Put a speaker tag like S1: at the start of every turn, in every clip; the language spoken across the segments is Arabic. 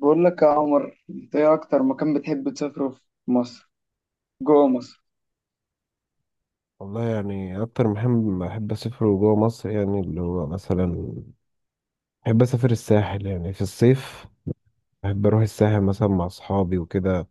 S1: بقول لك يا عمر، انت ايه اكتر مكان بتحب تسافره في مصر؟ جوه مصر.
S2: والله يعني أكتر مهم بحب أسافره جوه مصر، يعني اللي هو مثلا بحب أسافر الساحل يعني في الصيف. بحب أروح الساحل مثلا مع أصحابي وكده.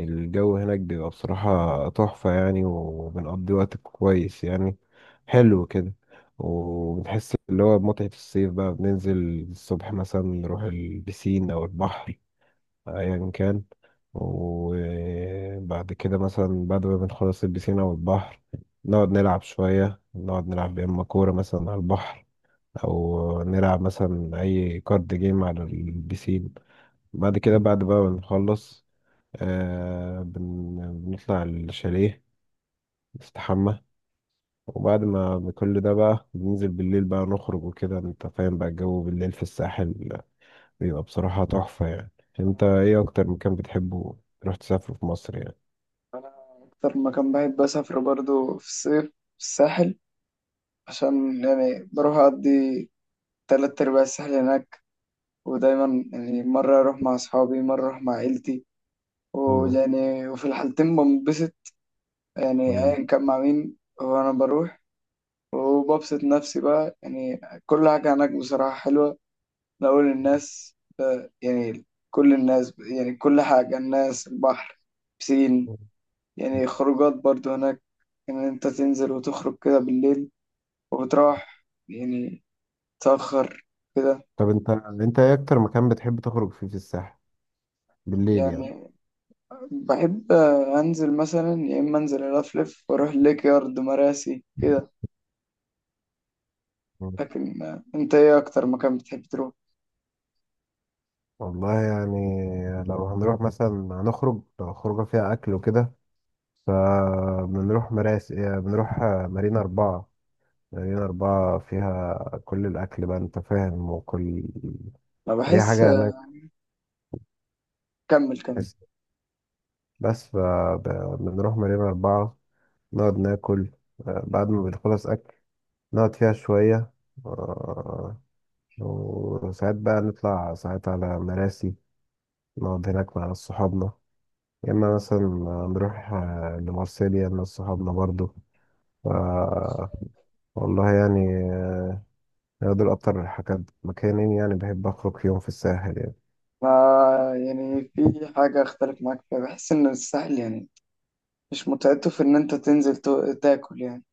S2: الجو هناك بيبقى بصراحة تحفة يعني، وبنقضي وقت كويس يعني، حلو كده. وبنحس اللي هو بمتعة الصيف بقى، بننزل الصبح مثلا نروح البسين أو البحر ايا كان. وبعد كده مثلا بعد ما بنخلص البسين او البحر، نقعد نلعب شوية، نقعد نلعب يا اما كورة مثلا على البحر، او نلعب مثلا اي كارد جيم على البسين. بعد كده بعد بقى ما بنخلص، آه بن... بنطلع الشاليه، نستحمى. وبعد ما كل ده بقى بننزل بالليل بقى نخرج وكده، انت فاهم، بقى الجو بالليل في الساحل بيبقى بصراحة تحفة يعني. انت ايه اكتر مكان بتحبه تروح تسافره في مصر يعني؟
S1: انا، اكتر مكان بحب اسافره برضو في الصيف في الساحل، عشان يعني بروح اقضي تلات ارباع الساحل هناك. ودايما يعني مرة اروح مع اصحابي، مرة اروح مع عيلتي،
S2: مم.
S1: ويعني وفي الحالتين بنبسط. يعني
S2: مم.
S1: ايا كان مع مين وانا بروح، وببسط نفسي بقى. يعني كل حاجة هناك بصراحة حلوة، نقول الناس، يعني كل الناس، يعني كل حاجة، الناس، البحر، بسين. يعني خروجات برضو هناك، إن يعني أنت تنزل وتخرج كده بالليل، وبتروح يعني تأخر كده.
S2: طب انت ايه اكتر مكان بتحب تخرج فيه في الساحل بالليل يعني؟
S1: يعني بحب أنزل مثلا، يا إما أنزل ألفلف وأروح ليك يارد مراسي كده.
S2: مم.
S1: لكن أنت إيه أكتر مكان بتحب تروح؟
S2: والله يعني لو هنروح مثلا، هنخرج لو خروجة فيها اكل وكده، فبنروح مراسي، بنروح مارينا 4. مارينا أربعة فيها كل الأكل بقى، أنت فاهم، وكل
S1: أنا
S2: أي
S1: بحس.
S2: حاجة هناك.
S1: كمل كمل.
S2: بس فبنروح مارينا أربعة، نقعد ناكل. بعد ما بنخلص أكل نقعد فيها شوية. آه، وساعات بقى نطلع ساعات على مراسي، نقعد هناك مع ناس صحابنا. يا إما مثلا نروح لمارسيليا مع صحابنا برضو. ف- والله يعني دول أكتر حاجات مكانين يعني بحب أخرج فيهم في الساحل يعني.
S1: ما يعني في حاجة أختلف معاك فيها، بحس إن الساحل يعني مش متعته في ان انت تنزل تاكل يعني.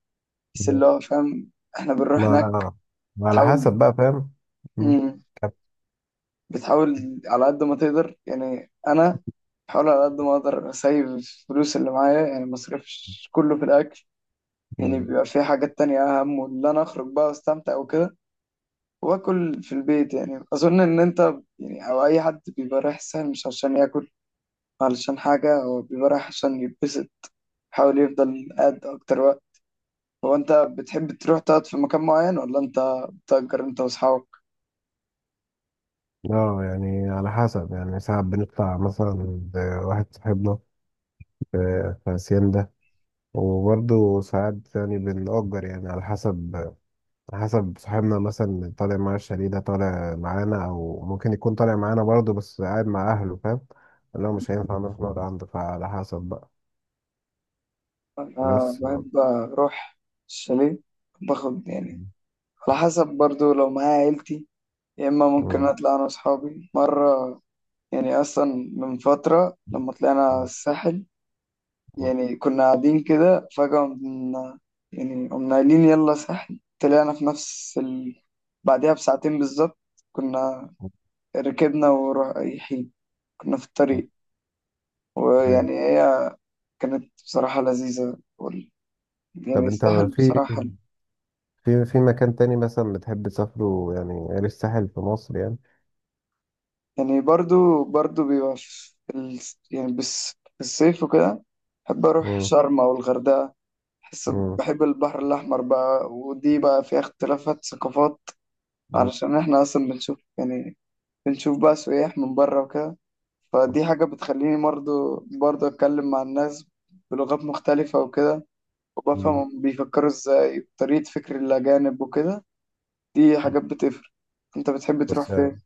S1: بس
S2: مم.
S1: اللي هو فاهم، احنا بنروح
S2: ما
S1: هناك،
S2: على ما على
S1: تحاول.
S2: حسب بقى فاهم. مم.
S1: مم.
S2: طب،
S1: بتحاول على قد ما تقدر، يعني انا بحاول على قد ما اقدر اسيب الفلوس اللي معايا، يعني ما اصرفش كله في الاكل. يعني
S2: مم.
S1: بيبقى في حاجات تانية اهم، واللي انا اخرج بقى واستمتع وكده، واكل في البيت. يعني اظن ان انت، يعني او اي حد بيبقى رايح الساحل مش عشان ياكل، علشان حاجة هو بيبقى رايح عشان يتبسط، بيحاول يفضل قاعد اكتر وقت. هو انت بتحب تروح تقعد في مكان معين، ولا انت بتأجر انت واصحابك؟
S2: اه يعني على حسب، يعني ساعات بنطلع مثلا عند واحد صاحبنا في في هاسيندا، وبرضه ساعات يعني بنأجر، يعني على حسب. على حسب صاحبنا مثلا، اللي طالع معاه الشاليه ده طالع معانا، أو ممكن يكون طالع معانا برضه بس قاعد مع أهله، فاهم؟ اللي هو مش هينفع نروح نقعد عنده، فعلى حسب بقى.
S1: انا
S2: بس مم.
S1: بحب اروح الشاليه، باخد يعني على حسب برضو، لو معايا عيلتي يا اما ممكن اطلع انا واصحابي مرة. يعني اصلا من فترة لما طلعنا
S2: مم.
S1: الساحل،
S2: مم.
S1: يعني كنا قاعدين كده فجأة قمنا، يعني قمنا قايلين يلا ساحل، طلعنا في نفس بعدها بساعتين بالظبط كنا ركبنا ورايحين، كنا في الطريق، ويعني
S2: أيوة.
S1: هي كانت بصراحة لذيذة،
S2: طب
S1: يعني
S2: أنت
S1: يستاهل
S2: في
S1: بصراحة.
S2: في في مكان تاني مثلا بتحب تسافره يعني غير الساحل في مصر يعني؟
S1: يعني برضو برضو بيبقى في يعني بس في الصيف وكده بحب أروح
S2: مم.
S1: شرم أو الغردقة. بحس
S2: مم.
S1: بحب البحر الأحمر بقى، ودي بقى فيها اختلافات ثقافات، علشان إحنا أصلا بنشوف، يعني بنشوف بقى سياح من بره وكده. فدي حاجة بتخليني برضو برضو أتكلم مع الناس بلغات مختلفة وكده، وبفهم
S2: مم.
S1: هم بيفكروا إزاي، طريقة فكر الأجانب وكده. دي حاجات بتفرق. انت بتحب تروح
S2: بس
S1: فين؟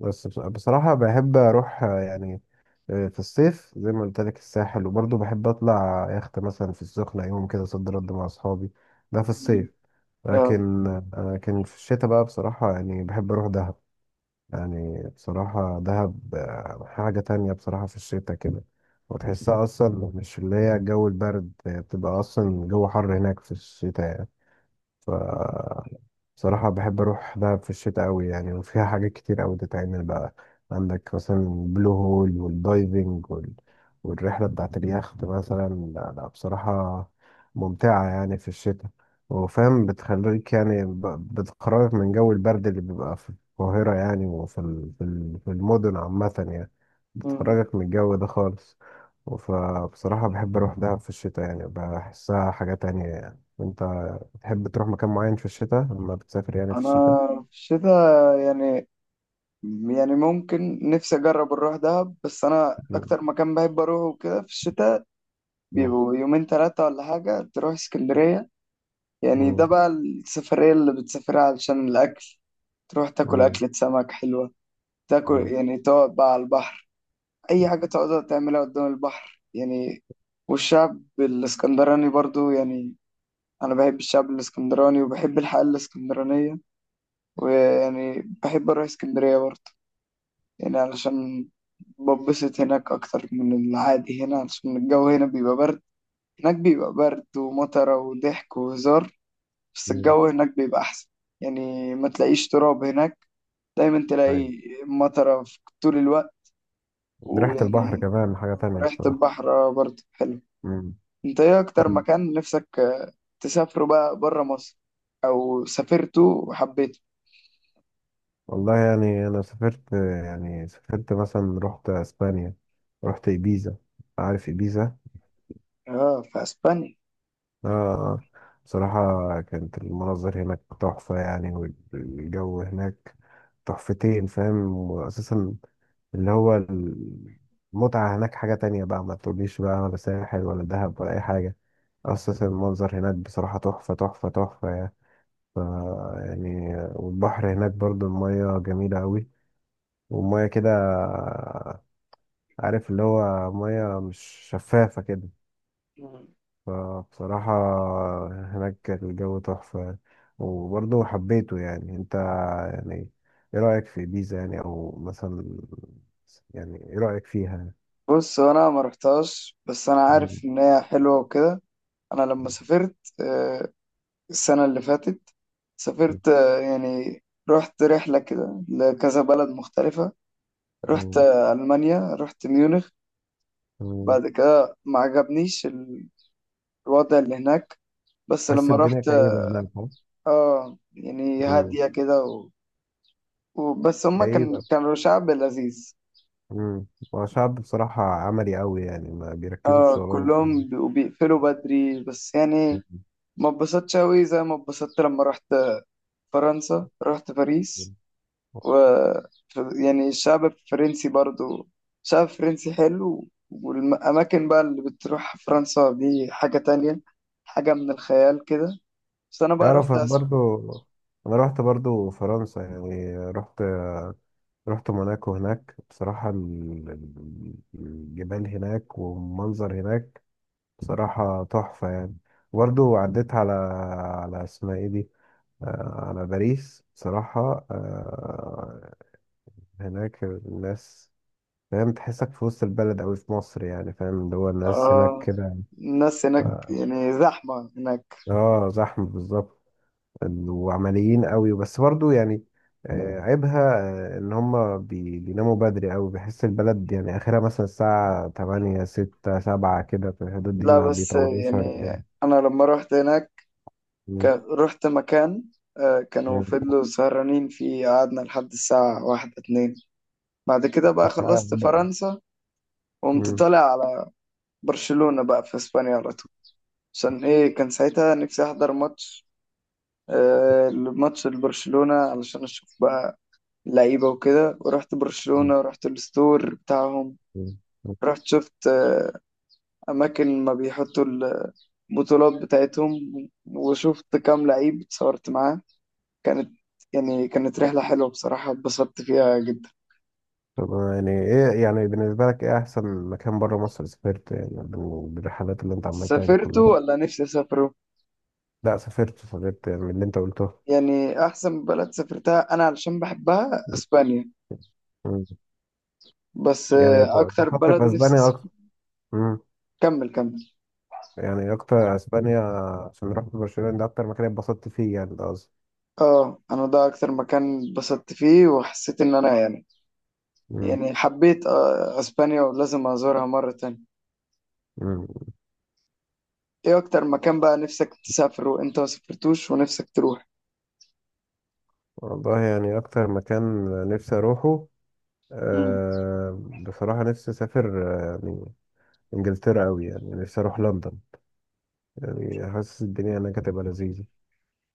S2: بصراحة بحب أروح يعني في الصيف زي ما قلت لك الساحل، وبرضه بحب اطلع يخت مثلا في السخنة يوم كده صد رد مع اصحابي. ده في
S1: مم.
S2: الصيف. لكن
S1: اه.
S2: لكن في الشتاء بقى بصراحة يعني بحب اروح دهب. يعني بصراحة دهب حاجة تانية بصراحة في الشتاء كده. وتحسها اصلا مش اللي هي الجو البرد، بتبقى اصلا الجو حر هناك في الشتاء يعني. ف بصراحة بحب أروح دهب في الشتاء أوي يعني، وفيها حاجات كتير أوي تتعمل بقى. عندك مثلا البلو هول والدايفنج والرحلة بتاعت اليخت مثلا. لا لا بصراحة ممتعة يعني في الشتاء. وفاهم بتخليك يعني بتخرجك من جو البرد اللي بيبقى في القاهرة يعني، وفي في المدن عامة يعني،
S1: مم.
S2: بتخرجك من الجو ده خالص. فبصراحة بحب أروح دهب في الشتاء يعني، بحسها حاجة تانية يعني. وأنت تحب تروح مكان معين في الشتاء لما بتسافر يعني في
S1: انا
S2: الشتاء؟
S1: في الشتاء يعني، يعني ممكن نفسي اجرب اروح دهب، بس انا
S2: مم.
S1: اكتر مكان بحب اروحه كده في الشتاء،
S2: مم.
S1: بيبقوا يومين ثلاثة ولا حاجة، تروح اسكندرية. يعني ده
S2: مم.
S1: بقى السفرية اللي بتسافرها علشان الاكل، تروح تاكل
S2: مم.
S1: أكلة سمك حلوة، تاكل
S2: مم.
S1: يعني، تقعد بقى على البحر، أي حاجة تقعد تعملها قدام البحر يعني. والشعب الإسكندراني برضو، يعني انا بحب الشعب الاسكندراني وبحب الحياة الاسكندرانية، ويعني بحب اروح اسكندرية برضه، يعني علشان ببسط هناك اكتر من العادي هنا، علشان الجو هنا بيبقى برد، هناك بيبقى برد ومطره وضحك وهزار، بس
S2: مم.
S1: الجو هناك بيبقى احسن. يعني ما تلاقيش تراب هناك، دايما
S2: أيوة.
S1: تلاقي مطره في طول الوقت،
S2: ريحة البحر
S1: ويعني
S2: كمان حاجة تانية
S1: ريحة
S2: بصراحة.
S1: البحر برضه حلو.
S2: مم.
S1: انت ايه اكتر
S2: طب
S1: مكان نفسك تسافره بقى بره مصر، او سافرته وحبيته؟
S2: والله يعني أنا سافرت، يعني سافرت مثلا رحت أسبانيا، رحت إيبيزا. عارف إيبيزا؟
S1: اه، في اسبانيا.
S2: آه آه. بصراحة كانت المناظر هناك تحفة يعني، والجو هناك تحفتين، فاهم. وأساسا اللي هو المتعة هناك حاجة تانية بقى، ما تقوليش بقى ولا ساحل ولا دهب ولا أي حاجة. أساسا المنظر هناك بصراحة تحفة تحفة تحفة يعني. ف يعني والبحر هناك برضو المية جميلة أوي، والمية كده، عارف، اللي هو مية مش شفافة كده.
S1: مم.
S2: فبصراحة هناك الجو تحفة يعني. وبرضو حبيته يعني. أنت يعني إيه رأيك في بيزا يعني، أو مثلا، يعني إيه رأيك فيها؟
S1: بص، هو انا ما رحتهاش، بس انا
S2: مم.
S1: عارف ان هي حلوه وكده. انا لما سافرت آه، السنه اللي فاتت،
S2: مم.
S1: سافرت يعني رحت رحله كده لكذا بلد مختلفه. رحت المانيا، رحت ميونخ.
S2: مم.
S1: بعد كده ما عجبنيش الوضع اللي هناك. بس
S2: تحس
S1: لما
S2: الدنيا
S1: رحت.
S2: كئيبة هناك، ها؟
S1: اه يعني
S2: مم.
S1: هاديه كده وبس، هما كان
S2: كئيبة.
S1: كانوا شعب لذيذ.
S2: مم. هو شعب بصراحة عملي أوي يعني، ما بيركزوا في
S1: اه،
S2: شغلهم.
S1: كلهم بيبقوا بيقفلوا بدري بس يعني
S2: مم.
S1: ما اتبسطتش أوي زي ما اتبسطت لما رحت فرنسا، رحت باريس، و يعني الشعب الفرنسي برضو، شعب فرنسي حلو، والأماكن بقى اللي بتروح فرنسا دي حاجة تانية، حاجة من الخيال كده. بس أنا بقى
S2: يعرف
S1: رحت
S2: أنا
S1: أسبانيا.
S2: برضو، أنا رحت برضو فرنسا يعني، رحت، رحت موناكو. هناك بصراحة الجبال هناك والمنظر هناك بصراحة تحفة يعني. برضو عديت على، على اسمها ايه دي، على باريس بصراحة. هناك الناس، فاهم، تحسك في وسط البلد أوي في مصر يعني، فاهم، اللي هو الناس هناك
S1: آه.
S2: كده.
S1: الناس
S2: ف...
S1: هناك يعني زحمة هناك.
S2: اه زحمة بالظبط، وعمليين أوي. بس برضو يعني عيبها إن هما بيناموا بدري أوي، بحس البلد يعني آخرها مثلا الساعة 8، 6، 7 كده، في الحدود دي
S1: لا،
S2: ما
S1: بس
S2: بيطولوش عن
S1: يعني
S2: كده.
S1: أنا لما رحت هناك
S2: مم.
S1: رحت مكان كانوا
S2: مم.
S1: فضلوا سهرانين فيه، قعدنا لحد الساعة واحدة اتنين. بعد كده بقى خلصت
S2: آه،
S1: فرنسا، وقمت
S2: مم.
S1: طالع على برشلونة بقى في اسبانيا على طول، عشان ايه، كان ساعتها نفسي احضر ماتش لبرشلونة علشان اشوف بقى لعيبة وكده، ورحت
S2: مم.
S1: برشلونة، ورحت الستور بتاعهم.
S2: مم.
S1: رحت شفت اماكن ما بيحطوا البطولات بتاعتهم، وشفت كام لعيب اتصورت معاه. كانت كانت رحلة حلوة بصراحة، اتبسطت فيها جدا.
S2: طب يعني ايه يعني بالنسبة لك ايه احسن مكان بره مصر سافرت يعني بالرحلات اللي انت عملتها دي
S1: سافرتوا
S2: كلها؟
S1: ولا نفسي اسافروا؟
S2: لا سافرت سافرت يعني من اللي انت قلته.
S1: يعني احسن بلد سافرتها انا علشان بحبها اسبانيا،
S2: مم.
S1: بس
S2: يعني
S1: اكتر
S2: بفضل
S1: بلد
S2: في
S1: نفسي
S2: اسبانيا
S1: اسافر.
S2: اكتر. مم.
S1: كمل كمل.
S2: يعني اكتر اسبانيا، عشان رحت برشلونة، ده اكتر مكان اتبسطت فيه يعني، ده قصدي.
S1: اه، انا ده اكتر مكان اتبسطت فيه، وحسيت ان انا يعني،
S2: مم.
S1: يعني حبيت اسبانيا، ولازم ازورها مرة تانية.
S2: مم.
S1: ايه اكتر مكان بقى نفسك تسافره وانت ما سافرتوش ونفسك تروح؟
S2: والله يعني اكتر مكان نفسي اروحه،
S1: مم.
S2: أه بصراحة نفسي اسافر يعني انجلترا قوي، يعني نفسي اروح لندن. يعني حاسس الدنيا هناك هتبقى لذيذة.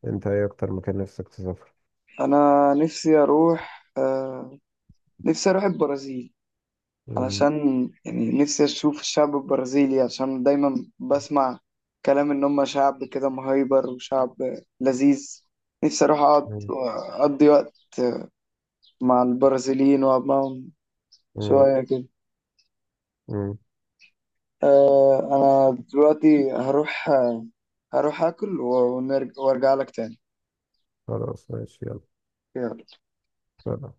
S2: انت ايه اكتر مكان نفسك تسافر؟
S1: انا نفسي اروح البرازيل،
S2: مم.
S1: علشان يعني نفسي أشوف الشعب البرازيلي، عشان دايما بسمع كلام إن هم شعب كده مهيبر، وشعب لذيذ. نفسي أروح أقعد،
S2: مم.
S1: أقضي وقت مع البرازيليين وأقعد معاهم
S2: مم.
S1: شوية كده.
S2: مم.
S1: أه، أنا دلوقتي هروح آكل ونرجع، وأرجع لك تاني.
S2: خلاص ماشي يلا.
S1: يلا.
S2: سلام.